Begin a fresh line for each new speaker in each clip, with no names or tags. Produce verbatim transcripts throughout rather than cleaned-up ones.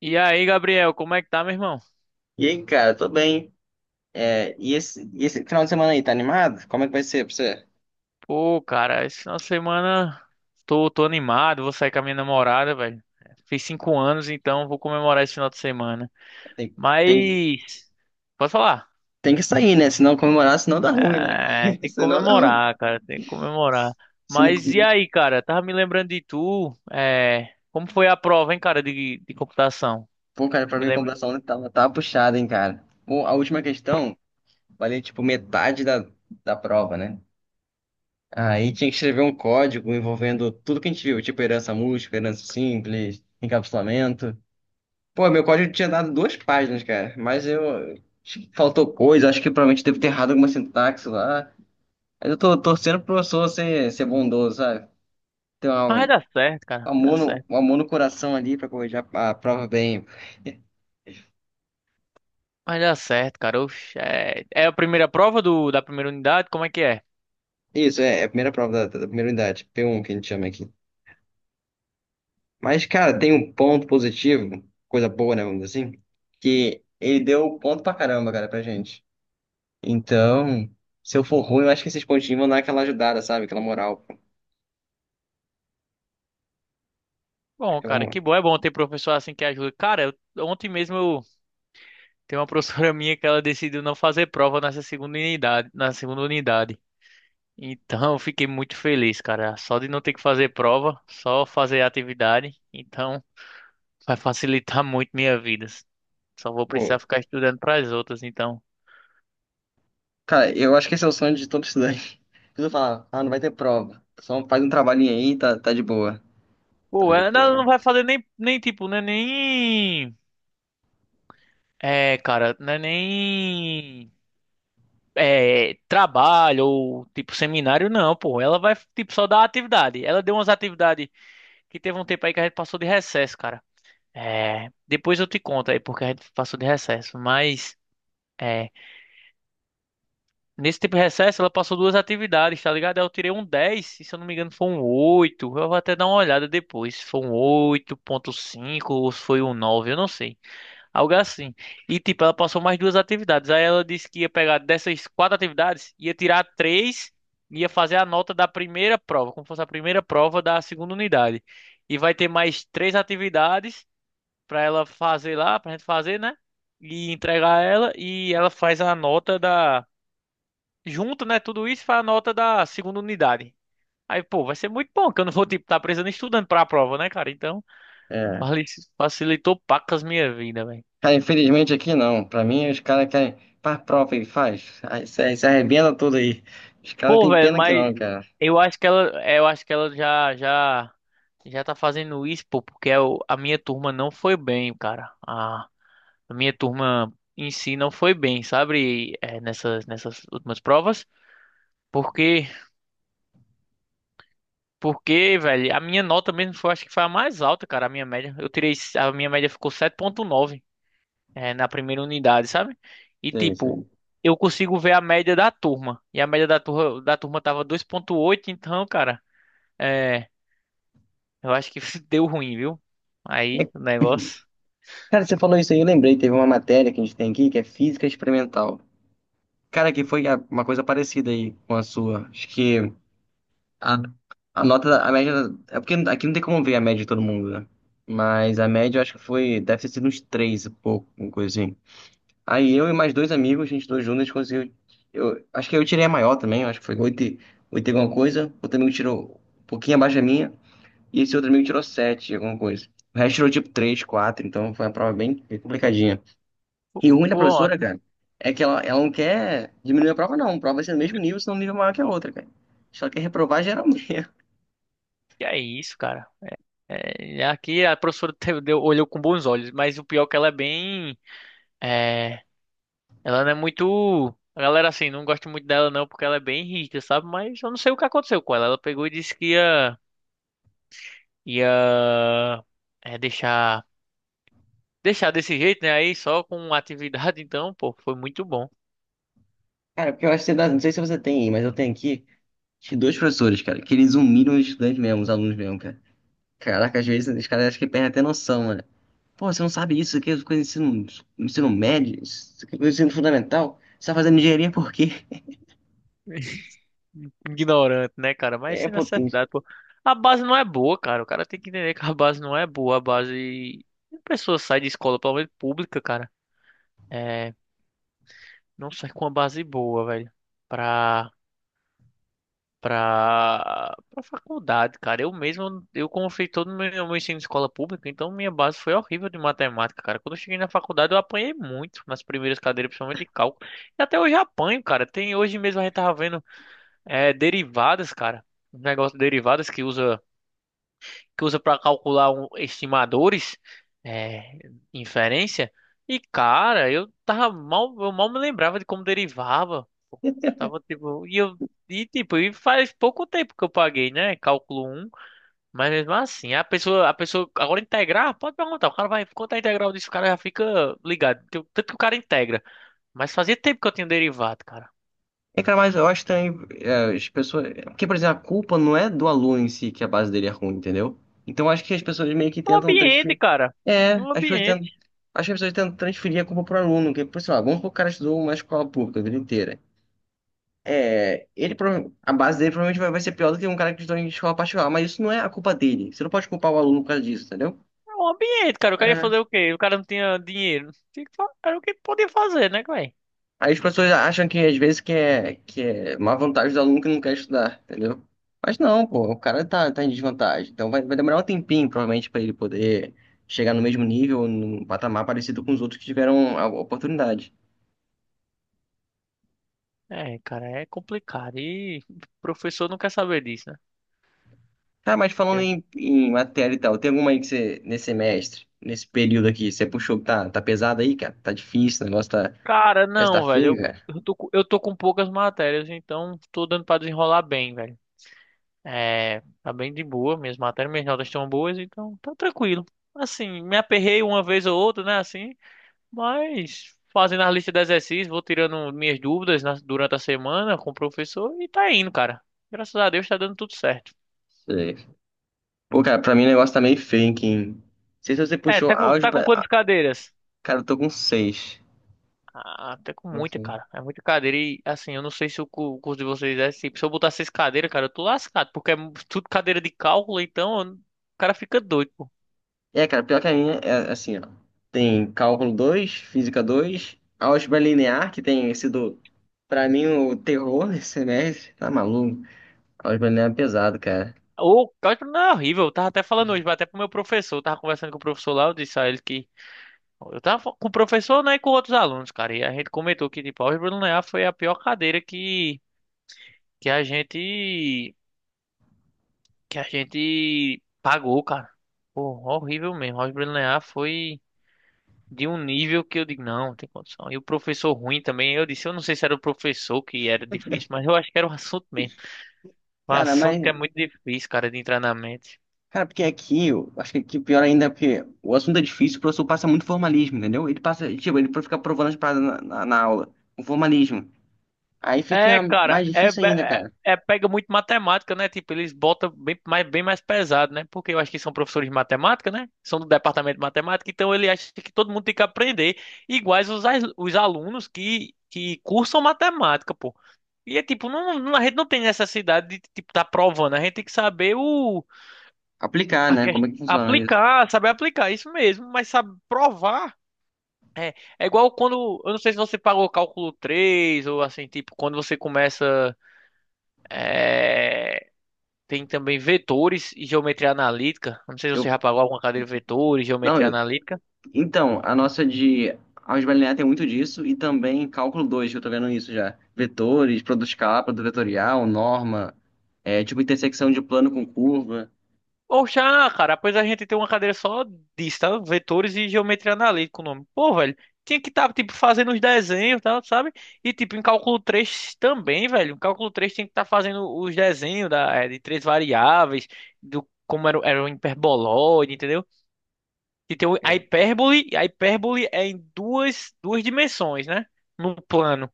E aí, Gabriel, como é que tá, meu irmão?
E aí, cara, tô bem. É, e esse, e esse final de semana aí, tá animado? Como é que vai ser pra você?
Pô, cara, esse final de semana tô, tô animado, vou sair com a minha namorada, velho. Fiz cinco anos, então vou comemorar esse final de semana.
Tem, tem,
Mas, pode falar?
tem que sair, né? Se não comemorar, senão dá ruim, né?
É, tem que
Senão dá ruim.
comemorar, cara, tem que comemorar.
Se não...
Mas e aí, cara, tava me lembrando de tu, é, como foi a prova, hein, cara, de, de computação?
Pô, cara, pra
Me
mim a
lembro.
computação tava, tava puxada, hein, cara. Pô, a última questão valia, tipo, metade da, da prova, né? Aí tinha que escrever um código envolvendo tudo que a gente viu, tipo herança múltipla, herança simples, encapsulamento. Pô, meu código tinha dado duas páginas, cara. Mas eu. acho faltou coisa, acho que provavelmente deve ter errado alguma sintaxe lá. Mas eu tô torcendo pro professor ser, ser bondoso, sabe? Ter
Mas vai
um, um
dar certo, cara, vai
amor
dar
no,
certo.
um amor no coração ali pra corrigir a, a prova bem.
Vai dar certo, cara. Oxe, é, é a primeira prova do, da primeira unidade? Como é que é?
Isso, é, é a primeira prova da, da primeira unidade, P um que a gente chama aqui. Mas, cara, tem um ponto positivo, coisa boa, né, vamos dizer assim, que ele deu ponto pra caramba, cara, pra gente. Então, se eu for ruim, eu acho que esses pontinhos vão dar aquela ajudada, sabe? Aquela moral.
Bom,
Aquela
cara, que bom, é bom ter professor assim que ajuda. Cara, eu- ontem mesmo eu tenho uma professora minha que ela decidiu não fazer prova nessa segunda unidade, na segunda unidade. Então, eu fiquei muito feliz, cara, só de não ter que fazer prova, só fazer atividade. Então, vai facilitar muito minha vida. Só vou precisar
moral.
ficar estudando para as outras, então.
Cara, eu acho que esse é o sonho de todo estudante. Preciso falar, ah, não vai ter prova. Só faz um trabalhinho aí, e tá, tá de boa. Tá
Pô,
de
ela não
boa.
não vai fazer nem nem tipo, né, nem é, cara, não é nem é, trabalho ou tipo seminário, não, pô. Ela vai tipo só dar atividade. Ela deu umas atividades que teve um tempo aí que a gente passou de recesso, cara. É, depois eu te conto aí porque a gente passou de recesso, mas é, nesse tipo de recesso ela passou duas atividades, tá ligado? Aí eu tirei um dez, e se eu não me engano foi um oito. Eu vou até dar uma olhada depois, se foi um oito ponto cinco ou se foi um nove, eu não sei. Algo assim. E, tipo, ela passou mais duas atividades. Aí ela disse que ia pegar dessas quatro atividades, ia tirar três, ia fazer a nota da primeira prova, como fosse a primeira prova da segunda unidade. E vai ter mais três atividades para ela fazer lá, pra gente fazer, né? E entregar ela. E ela faz a nota da. Junto, né? Tudo isso faz a nota da segunda unidade. Aí, pô, vai ser muito bom, que eu não vou, tipo, tá precisando estudando pra prova, né, cara? Então,
É.
vale, facilitou pacas minha vida, velho.
Cara, infelizmente aqui não. Pra mim, os caras querem. Faz prova aí, faz. Aí se, se arrebenta tudo aí. Os caras
Pô,
têm
velho,
pena que
mas
não, cara.
eu acho que ela, é, eu acho que ela já, já, já tá fazendo isso, pô, porque eu- a minha turma não foi bem, cara. A, a minha turma em si não foi bem, sabe? É, nessas, nessas últimas provas. Porque, porque, velho, a minha nota mesmo foi, acho que foi a mais alta, cara, a minha média. Eu tirei, a minha média ficou sete ponto nove, é, na primeira unidade, sabe? E
Sim,
tipo,
sim.
eu consigo ver a média da turma. E a média da turma, da turma tava dois ponto oito então, cara. É, eu acho que deu ruim, viu? Aí o negócio.
Cara, você falou isso aí, eu lembrei. Teve uma matéria que a gente tem aqui que é física experimental. Cara, que foi a- uma coisa parecida aí com a sua. Acho que A, a nota, da- a média. Da- É porque aqui não tem como ver a média de todo mundo, né? Mas a média eu acho que foi. Deve ter sido uns três e pouco, uma coisa assim. Aí eu e mais dois amigos, a gente dois juntos, a gente conseguiu. Eu, acho que eu tirei a maior também, eu acho que foi oito e oito e alguma coisa. Outro amigo tirou um pouquinho abaixo da minha. E esse outro amigo tirou sete, e alguma coisa. O resto tirou tipo três, quatro, então foi uma prova bem bem complicadinha. E o
Pô,
ruim da professora,
ontem.
cara, é que ela, ela não quer diminuir a prova, não. A prova vai ser no mesmo nível, se não um nível maior que a outra, cara. Só quer reprovar geral mesmo.
Que é isso, cara? É, aqui a professora teve- deu- olhou com bons olhos, mas o pior é que ela é bem. É, ela não é muito. A galera assim, não gosta muito dela não, porque ela é bem rígida, sabe? Mas eu não sei o que aconteceu com ela. Ela pegou e disse que ia. ia. é, deixar. deixar desse jeito, né? Aí só com atividade, então, pô, foi muito bom.
Cara, porque eu acho que você não sei se você tem, aí, mas eu tenho aqui acho que dois professores, cara, que eles humilham os estudantes mesmo, os alunos mesmo, cara. Caraca, às vezes os caras acham que perdem até noção, mano. Pô, você não sabe isso isso aqui, é coisa de ensino, ensino médio, isso aqui é coisa de ensino fundamental? Você tá fazendo engenharia por quê?
Ignorante, né, cara? Mas
É
sem
potente.
necessidade, pô. A base não é boa, cara. O cara tem que entender que a base não é boa. A base. A pessoa sai de escola, pelo menos pública, cara. É. Não sai com uma base boa, velho. Pra. Pra, pra faculdade, cara. Eu mesmo, eu confio todo o meu, meu ensino de escola pública, então minha base foi horrível de matemática, cara. Quando eu cheguei na faculdade, eu apanhei muito nas primeiras cadeiras, principalmente de cálculo. E até hoje eu apanho, cara. Tem hoje mesmo a gente tava vendo é, derivadas, cara, um negócio de derivadas que usa que usa para calcular um- estimadores, é, inferência. E cara, eu tava mal, eu mal me lembrava de como derivava. Pô. Tava tipo, e eu e tipo, e faz pouco tempo que eu paguei, né? Cálculo um. Mas mesmo assim, a pessoa, a pessoa agora integrar, pode perguntar, o cara vai contar a integral disso, o cara já fica ligado. Tem- Tanto que o cara integra, mas fazia tempo que eu tinha derivado, cara.
É, cara, mas eu acho também é, as pessoas. Porque, por exemplo, a culpa não é do aluno em si que a base dele é ruim, entendeu? Então eu acho que as pessoas meio que
Um
tentam
ambiente,
transferir.
cara.
É,
Um
as pessoas tentam.
ambiente.
Acho que as pessoas tentam transferir a culpa pro aluno, que, por sei lá, vamos supor que o cara estudou uma escola pública a vida inteira. É, ele, prova- a base dele provavelmente vai, vai ser pior do que um cara que estudou em escola particular, mas isso não é a culpa dele. Você não pode culpar o aluno por causa disso, entendeu?
É um ambiente, cara. O cara ia fazer o quê? O cara não tinha dinheiro. Tinha que fa- era o que podia fazer, né, velho?
Aí as pessoas acham que às vezes que é, que é uma vantagem do aluno que não quer estudar, entendeu? Mas não, pô, o cara tá, tá em desvantagem. Então vai, vai demorar um tempinho, provavelmente, pra ele poder chegar no mesmo nível, num patamar parecido com os outros que tiveram a oportunidade.
É, cara, é complicado. E o professor não quer saber disso, né?
Cara, mas falando
Quer-
em, em matéria e tal, tem alguma aí que você, nesse semestre, nesse período aqui, você puxou que tá, tá pesado aí, cara? Tá difícil, o negócio tá,
Cara,
já tá
não, velho.
feio, cara?
Eu, eu tô, com- eu tô com poucas matérias, então tô dando pra desenrolar bem, velho. É, tá bem de boa. Minhas matérias, minhas notas estão boas, então tá tranquilo. Assim, me aperrei uma vez ou outra, né? Assim, mas fazendo a lista de exercícios, vou tirando minhas dúvidas na- durante a semana com o professor e tá indo, cara. Graças a Deus tá dando tudo certo.
Sei. Pô, cara, pra mim o negócio tá meio feio, hein? Não sei se você
É,
puxou
tá com, tá com
álgebra.
quantas
Ah,
cadeiras?
cara, eu tô com seis.
Ah, até com muita, cara. É muita cadeira e assim, eu não sei se o cu- o curso de vocês é assim. Se eu botar seis cadeiras, cara, eu tô lascado, porque é mu- tudo cadeira de cálculo, então eu não- o cara fica doido, pô.
É, cara, pior que a minha é assim, ó. Tem cálculo dois, física dois, álgebra linear, que tem sido, pra mim, o terror nesse semestre. Tá maluco? Álgebra linear é pesado, cara.
O cálculo não é horrível, eu tava até falando hoje, mas até pro meu professor, eu tava conversando com o professor lá, eu disse a ele que eu tava com o professor, né, e com outros alunos, cara. E a gente comentou que, tipo, a álgebra linear foi a pior cadeira que, que a gente, que a gente pagou, cara. Pô, horrível mesmo. A álgebra linear foi de um nível que eu digo, não, não tem condição. E o professor ruim também. Eu disse, eu não sei se era o professor que era difícil, mas eu acho que era o assunto mesmo. Um
Cara,
assunto
mas,
que é muito difícil, cara, de entrar na mente.
cara, porque aqui, eu acho que aqui pior ainda, é porque o assunto é difícil, o professor passa muito formalismo, entendeu? Ele passa, tipo, ele fica provando as paradas na, na, na aula, o formalismo. Aí
É,
fica
cara,
mais
é,
difícil ainda,
é,
cara.
é- pega muito matemática, né? Tipo, eles botam bem mais, bem mais pesado, né? Porque eu acho que são professores de matemática, né? São do departamento de matemática, então ele acha que todo mundo tem que aprender, iguais os, as- os alunos que, que cursam matemática, pô. E é tipo, não, não- a gente não tem necessidade de, tipo, tá provando, a gente tem que saber o,
Aplicar,
a
né?
ques-
Como é que funciona isso?
aplicar, saber aplicar, isso mesmo, mas sabe provar. É igual quando, eu não sei se você pagou cálculo três ou assim, tipo, quando você começa. É, tem também vetores e geometria analítica. Eu não sei se você
Eu,
já pagou alguma cadeira de vetores,
não.
geometria analítica.
Então, a nossa de álgebra linear tem muito disso e também cálculo dois que eu tô vendo isso já. Vetores, produto escalar, produto vetorial, norma, é, tipo intersecção de plano com curva.
Ou já, cara, pois a gente tem uma cadeira só disso, tá? Vetores e geometria analítica, o nome. Pô, velho, tinha que estar, tá, tipo, fazendo os desenhos, tá? Sabe? E, tipo, em cálculo três também, velho. Em cálculo três tinha que estar fazendo os desenhos da, é, de três variáveis, do como era, o- era o hiperboloide, entendeu? E tem o- a
É,
hipérbole, a hipérbole é em duas, duas dimensões, né? No plano.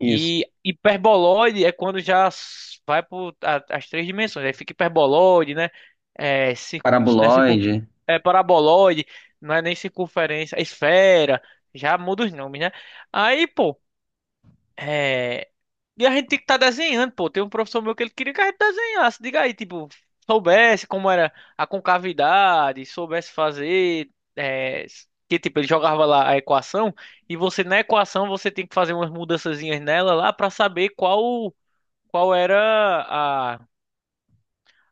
isso.
E hiperboloide é quando já s- vai para as três dimensões. Aí fica hiperboloide, né? É, cir- né, circun-
Paraboloide.
é paraboloide, não é nem circunferência, é esfera, já muda os nomes, né? Aí, pô, é, e a gente tem que estar desenhando, pô. Tem um professor meu que ele queria que a gente desenhasse. Diga aí, tipo, soubesse como era a concavidade, soubesse fazer. É, que tipo, ele jogava lá a equação. E você, na equação, você tem que fazer umas mudançazinhas nela lá pra saber qual, qual era a,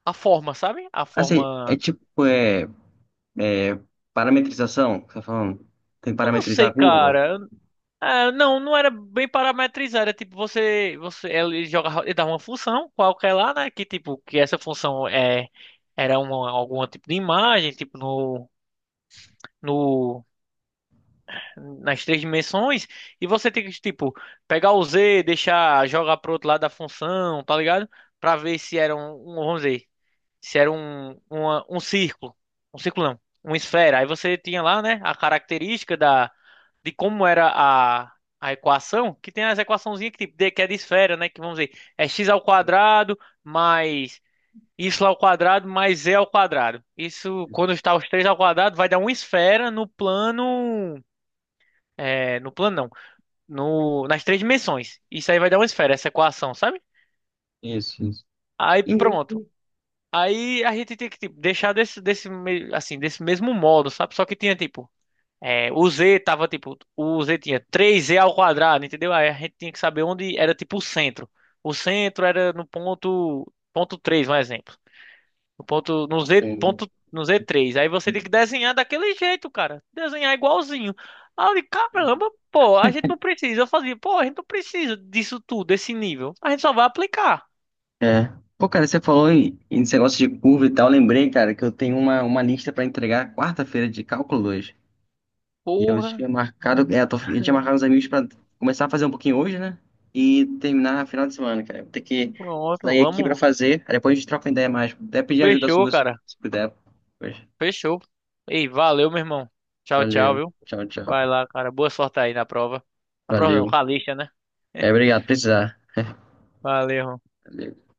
a forma, sabe? A
Assim, é
forma.
tipo, é, é parametrização, que você tá falando? Tem que
Eu não
parametrizar
sei,
a curva?
cara. Ah, não, não era bem parametrizado. Era tipo, você, você, ele jogava, ele dava uma função qualquer lá, né? Que tipo, que essa função é, era uma, algum tipo de imagem, tipo no, no, nas três dimensões. E você tem que, tipo, pegar o Z, deixar, jogar pro outro lado da função, tá ligado? Pra ver se era um, um, vamos dizer, se era um, uma- um círculo, um círculo não, uma esfera. Aí você tinha lá, né, a característica da, de como era a, a equação, que tem as equaçãozinhas que, tipo, de- que é de esfera, né, que vamos dizer, é x ao quadrado mais y ao quadrado mais z ao quadrado. Isso,
Isso.
quando está os três ao quadrado, vai dar uma esfera no plano. É, no plano não, no, nas três dimensões. Isso aí vai dar uma esfera, essa equação, sabe?
Isso, isso.
Aí
E-
pronto. Aí a gente tinha que tipo, deixar desse, desse, me- assim, desse mesmo modo, sabe? Só que tinha tipo. É, o Z tava tipo. O Z tinha três z ao quadrado, entendeu? Aí a gente tinha que saber onde era tipo o centro. O centro era no ponto. Ponto três, um exemplo. No ponto. No Z, ponto, no z três. Aí você tem que desenhar daquele jeito, cara. Desenhar igualzinho. Aí eu digo, caramba, pô, a gente não precisa. Eu fazia, pô, a gente não precisa disso tudo, desse nível. A gente só vai aplicar.
É. Pô, cara, você falou em, em esse negócio de curva e tal. Eu lembrei, cara, que eu tenho uma, uma lista pra entregar quarta-feira de cálculo dois. E eu
Porra,
tinha marcado, é, eu tô- eu tinha marcado os amigos pra começar a fazer um pouquinho hoje, né? E terminar no final de semana, cara. Eu vou ter que
pronto,
sair aqui pra
vamos.
fazer. Aí depois a gente troca uma ideia mais. Vou até pedir ajuda
Fechou,
sua, se
cara.
se puder. Pois.
Fechou. Ei, valeu, meu irmão. Tchau, tchau,
Valeu.
viu?
Tchau,
Vai
tchau.
lá, cara. Boa sorte aí na prova. Na prova não,
Valeu.
com a lixa, né?
É, obrigado, precisar.
Valeu.
Valeu.